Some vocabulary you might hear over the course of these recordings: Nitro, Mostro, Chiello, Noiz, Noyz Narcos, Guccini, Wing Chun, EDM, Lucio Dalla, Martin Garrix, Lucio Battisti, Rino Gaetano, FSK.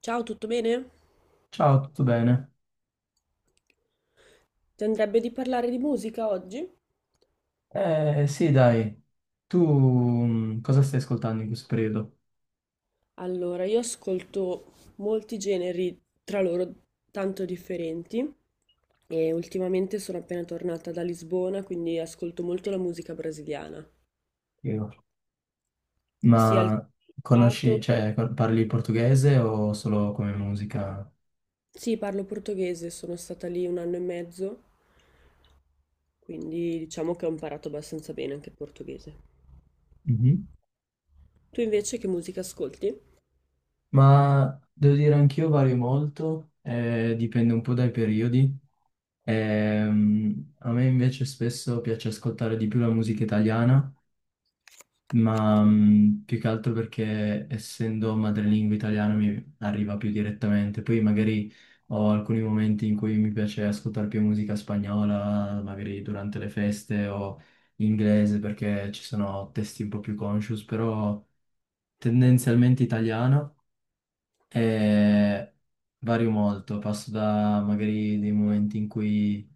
Ciao, tutto bene? Ciao, tutto bene? Ti andrebbe di parlare di musica oggi? Eh sì, dai, tu cosa stai ascoltando in questo periodo? Allora, io ascolto molti generi tra loro tanto differenti e ultimamente sono appena tornata da Lisbona, quindi ascolto molto la musica brasiliana, Io. sia il Ma conosci, cantato. cioè, parli portoghese o solo come musica? Sì, parlo portoghese, sono stata lì un anno e mezzo, quindi diciamo che ho imparato abbastanza bene anche il portoghese. Mhm. Tu invece che musica ascolti? Ma devo dire anch'io vario molto, dipende un po' dai periodi. A me invece spesso piace ascoltare di più la musica italiana ma più che altro perché essendo madrelingua italiana mi arriva più direttamente. Poi magari ho alcuni momenti in cui mi piace ascoltare più musica spagnola, magari durante le feste o inglese perché ci sono testi un po' più conscious, però tendenzialmente italiano e vario molto. Passo da magari dei momenti in cui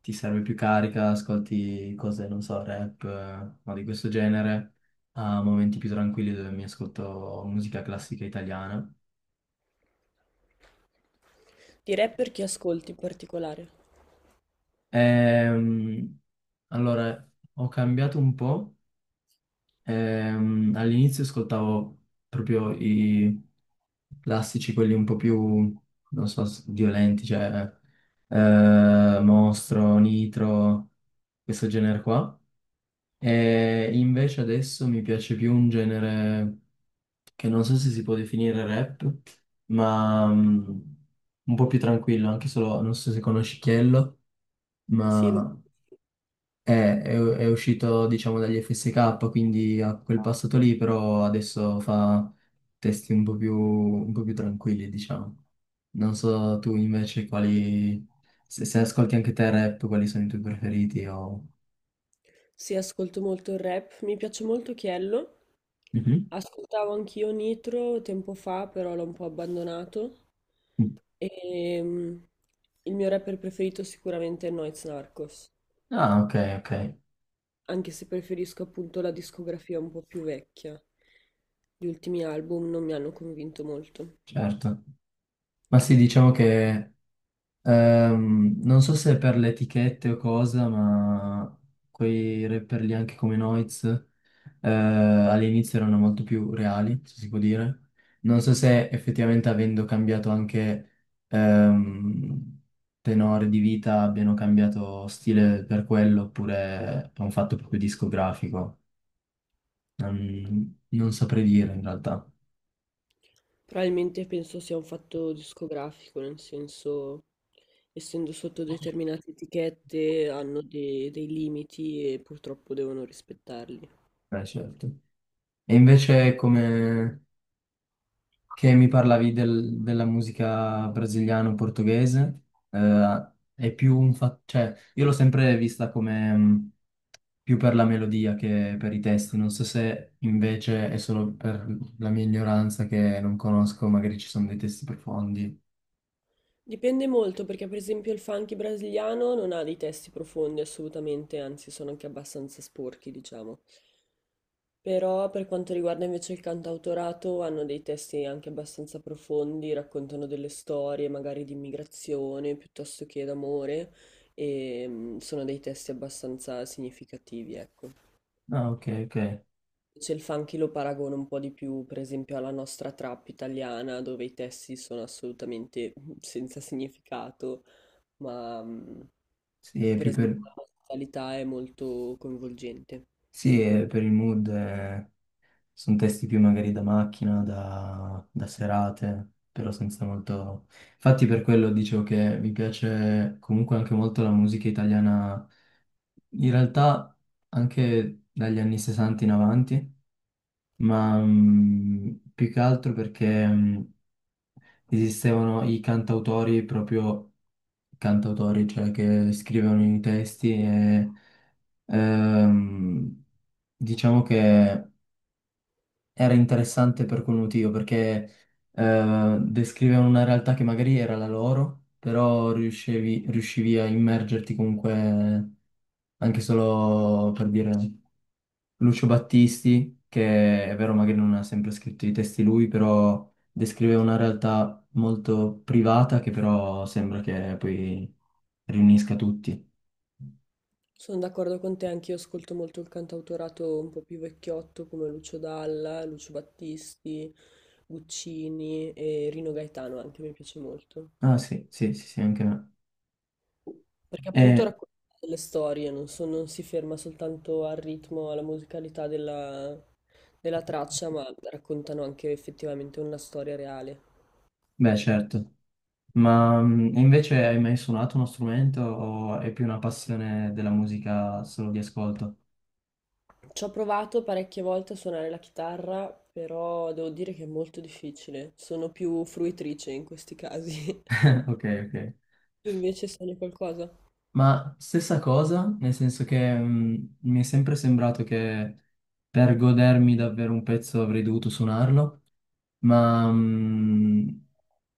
ti serve più carica, ascolti cose, non so, rap o di questo genere, a momenti più tranquilli dove mi ascolto musica classica italiana. Di rapper chi ascolti in particolare? Ehm, allora, ho cambiato un po'. All'inizio ascoltavo proprio i classici, quelli un po' più, non so, violenti, cioè Mostro, Nitro, questo genere qua. E invece adesso mi piace più un genere che non so se si può definire rap, ma un po' più tranquillo, anche solo, non so se conosci Chiello, Sì, lo... ma è uscito, diciamo, dagli FSK, quindi ha quel passato lì, però adesso fa testi un po' più tranquilli, diciamo. Non so tu invece quali, se ascolti anche te rap, quali sono i tuoi preferiti o... Sì, ascolto molto il rap, mi piace molto Chiello. Mhm. Ascoltavo anch'io Nitro tempo fa, però l'ho un po' abbandonato. E il mio rapper preferito sicuramente è Noyz Narcos, Ah, ok, ok, anche se preferisco appunto la discografia un po' più vecchia. Gli ultimi album non mi hanno convinto molto. certo. Ma sì, diciamo che... Non so se è per le etichette o cosa, ma quei rapper lì anche come Noiz all'inizio erano molto più reali, se si può dire. Non so se effettivamente avendo cambiato anche ehm, tenore di vita abbiano cambiato stile per quello oppure è un fatto proprio discografico. Non saprei dire in realtà. Probabilmente penso sia un fatto discografico, nel senso, essendo sotto determinate etichette, hanno dei limiti e purtroppo devono rispettarli. Certo. E invece come... che mi parlavi della musica brasiliano-portoghese, è più un fatto, cioè io l'ho sempre vista come più per la melodia che per i testi, non so se invece è solo per la mia ignoranza che non conosco, magari ci sono dei testi profondi. Dipende molto perché per esempio il funky brasiliano non ha dei testi profondi assolutamente, anzi sono anche abbastanza sporchi, diciamo. Però per quanto riguarda invece il cantautorato hanno dei testi anche abbastanza profondi, raccontano delle storie magari di immigrazione piuttosto che d'amore e sono dei testi abbastanza significativi, ecco. Ah, ok, ok. Invece il funky lo paragono un po' di più, per esempio, alla nostra trap italiana, dove i testi sono assolutamente senza significato, ma... mm, Sì, è per più esempio, per, la musicalità è molto coinvolgente. sì, è per il mood. Sono testi più magari da macchina, da serate, però senza molto... Infatti per quello dicevo che mi piace comunque anche molto la musica italiana, in realtà anche dagli anni 60 in avanti, ma più che altro perché esistevano i cantautori, proprio cantautori, cioè che scrivevano i testi e ehm, diciamo che era interessante per quel motivo, perché descrivevano una realtà che magari era la loro, però riuscivi a immergerti comunque, anche solo per dire Lucio Battisti, che è vero magari non ha sempre scritto i testi lui, però descriveva una realtà molto privata che però sembra che poi riunisca tutti. Sono d'accordo con te, anch'io ascolto molto il cantautorato un po' più vecchiotto come Lucio Dalla, Lucio Battisti, Guccini e Rino Gaetano anche mi piace molto. Ah sì, sì, sì, sì, anche me. Perché appunto E, racconta delle storie, non si ferma soltanto al ritmo, alla musicalità della, della traccia, ma raccontano anche effettivamente una storia reale. beh, certo. Ma e invece hai mai suonato uno strumento o è più una passione della musica solo di ascolto? Ci ho provato parecchie volte a suonare la chitarra, però devo dire che è molto difficile. Sono più fruitrice in questi casi. Ok, ok. Tu invece suoni qualcosa? Ma stessa cosa, nel senso che mi è sempre sembrato che per godermi davvero un pezzo avrei dovuto suonarlo, ma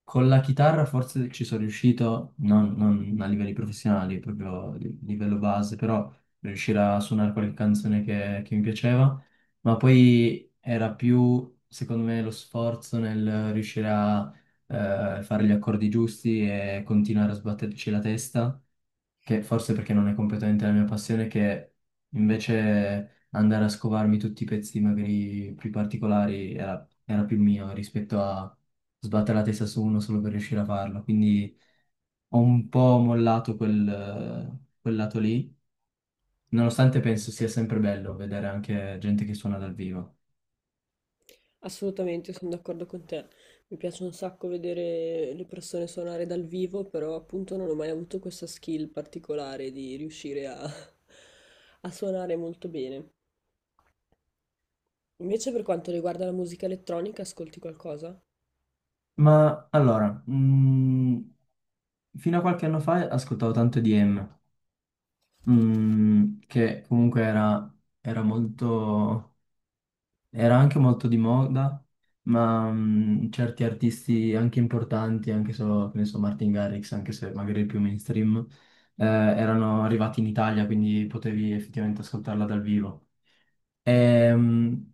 con la chitarra forse ci sono riuscito, non a livelli professionali, proprio a livello base, però riuscire a suonare qualche canzone che mi piaceva, ma poi era più, secondo me, lo sforzo nel riuscire a fare gli accordi giusti e continuare a sbatterci la testa che forse perché non è completamente la mia passione, che invece andare a scovarmi tutti i pezzi magari più particolari era più mio rispetto a sbattere la testa su uno solo per riuscire a farlo. Quindi ho un po' mollato quel lato lì, nonostante penso sia sempre bello vedere anche gente che suona dal vivo. Assolutamente, sono d'accordo con te. Mi piace un sacco vedere le persone suonare dal vivo, però appunto non ho mai avuto questa skill particolare di riuscire a, a suonare molto bene. Invece per quanto riguarda la musica elettronica, ascolti qualcosa? Ma allora, fino a qualche anno fa ascoltavo tanto EDM, che comunque era molto. Era anche molto di moda, ma certi artisti anche importanti, anche solo, che ne so, Martin Garrix, anche se magari il più mainstream, erano arrivati in Italia, quindi potevi effettivamente ascoltarla dal vivo. E,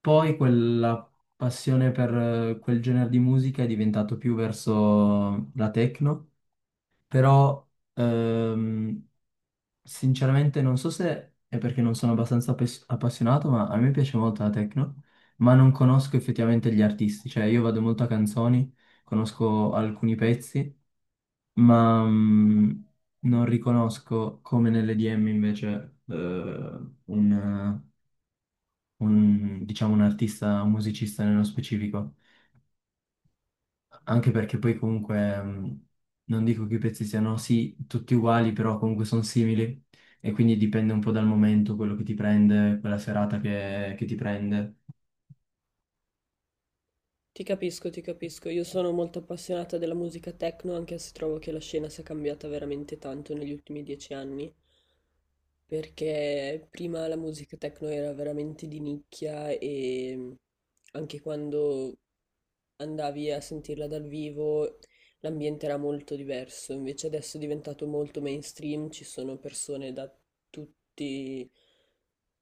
poi quella passione per quel genere di musica è diventato più verso la techno, però ehm, sinceramente non so se è perché non sono abbastanza appassionato, ma a me piace molto la techno, ma non conosco effettivamente gli artisti, cioè io vado molto a canzoni, conosco alcuni pezzi, ma non riconosco come nell'EDM invece un, diciamo, un artista, un musicista nello specifico. Anche perché poi comunque non dico che i pezzi siano sì tutti uguali, però comunque sono simili e quindi dipende un po' dal momento, quello che ti prende, quella serata che ti prende. Ti capisco, ti capisco. Io sono molto appassionata della musica techno, anche se trovo che la scena sia cambiata veramente tanto negli ultimi 10 anni, perché prima la musica techno era veramente di nicchia e anche quando andavi a sentirla dal vivo l'ambiente era molto diverso, invece adesso è diventato molto mainstream, ci sono persone da tutti,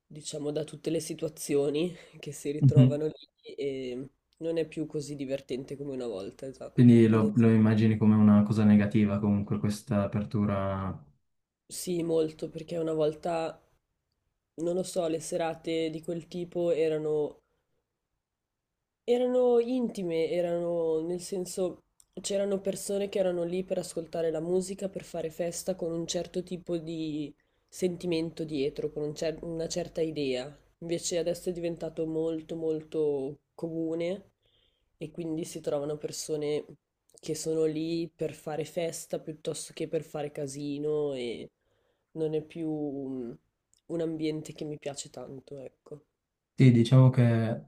diciamo, da tutte le situazioni che si Mhm. ritrovano lì e... Non è più così divertente come una volta, esatto. Quindi Ne- lo immagini come una cosa negativa comunque questa apertura. Sì, molto, perché una volta, non lo so, le serate di quel tipo erano intime, erano nel senso c'erano persone che erano lì per ascoltare la musica, per fare festa con un certo tipo di sentimento dietro, con una certa idea. Invece adesso è diventato molto molto comune e quindi si trovano persone che sono lì per fare festa piuttosto che per fare casino e non è più un ambiente che mi piace tanto, ecco. Sì, diciamo che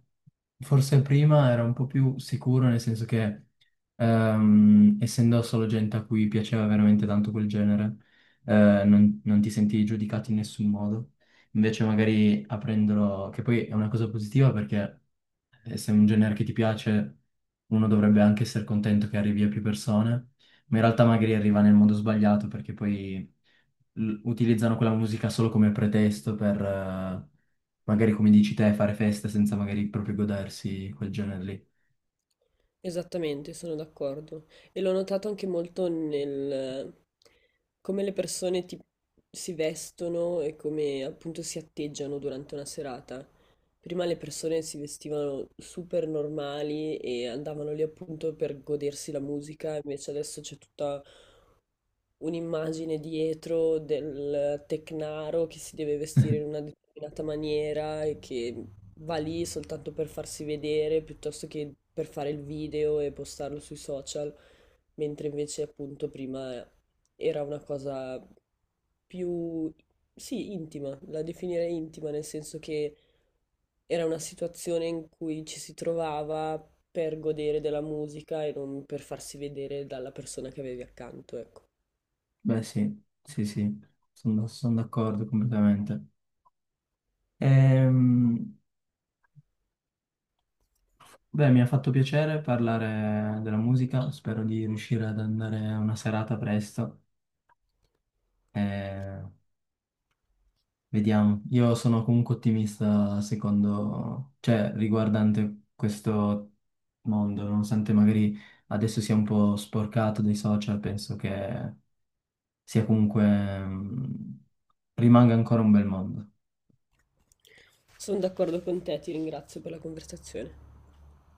forse prima era un po' più sicuro, nel senso che essendo solo gente a cui piaceva veramente tanto quel genere, non ti sentivi giudicato in nessun modo. Invece magari aprendolo, che poi è una cosa positiva perché e se è un genere che ti piace, uno dovrebbe anche essere contento che arrivi a più persone, ma in realtà magari arriva nel modo sbagliato perché poi utilizzano quella musica solo come pretesto per, magari come dici te, fare festa senza magari proprio godersi quel genere lì. Esattamente, sono d'accordo. E l'ho notato anche molto nel come le persone si vestono e come appunto si atteggiano durante una serata. Prima le persone si vestivano super normali e andavano lì appunto per godersi la musica, invece adesso c'è tutta un'immagine dietro del tecnaro che si deve vestire in una determinata maniera e che va lì soltanto per farsi vedere piuttosto che per fare il video e postarlo sui social, mentre invece appunto prima era una cosa più, sì, intima, la definirei intima nel senso che era una situazione in cui ci si trovava per godere della musica e non per farsi vedere dalla persona che avevi accanto, ecco. Beh, sì, sì, sì, sono d'accordo completamente. Ehm, beh, mi ha fatto piacere parlare della musica, spero di riuscire ad andare a una serata presto. Eh, Vediamo, io sono comunque ottimista secondo, cioè riguardante questo mondo, nonostante magari adesso sia un po' sporcato dai social, penso che sia comunque, mm, rimanga ancora un bel mondo. Sono d'accordo con te, ti ringrazio per la conversazione.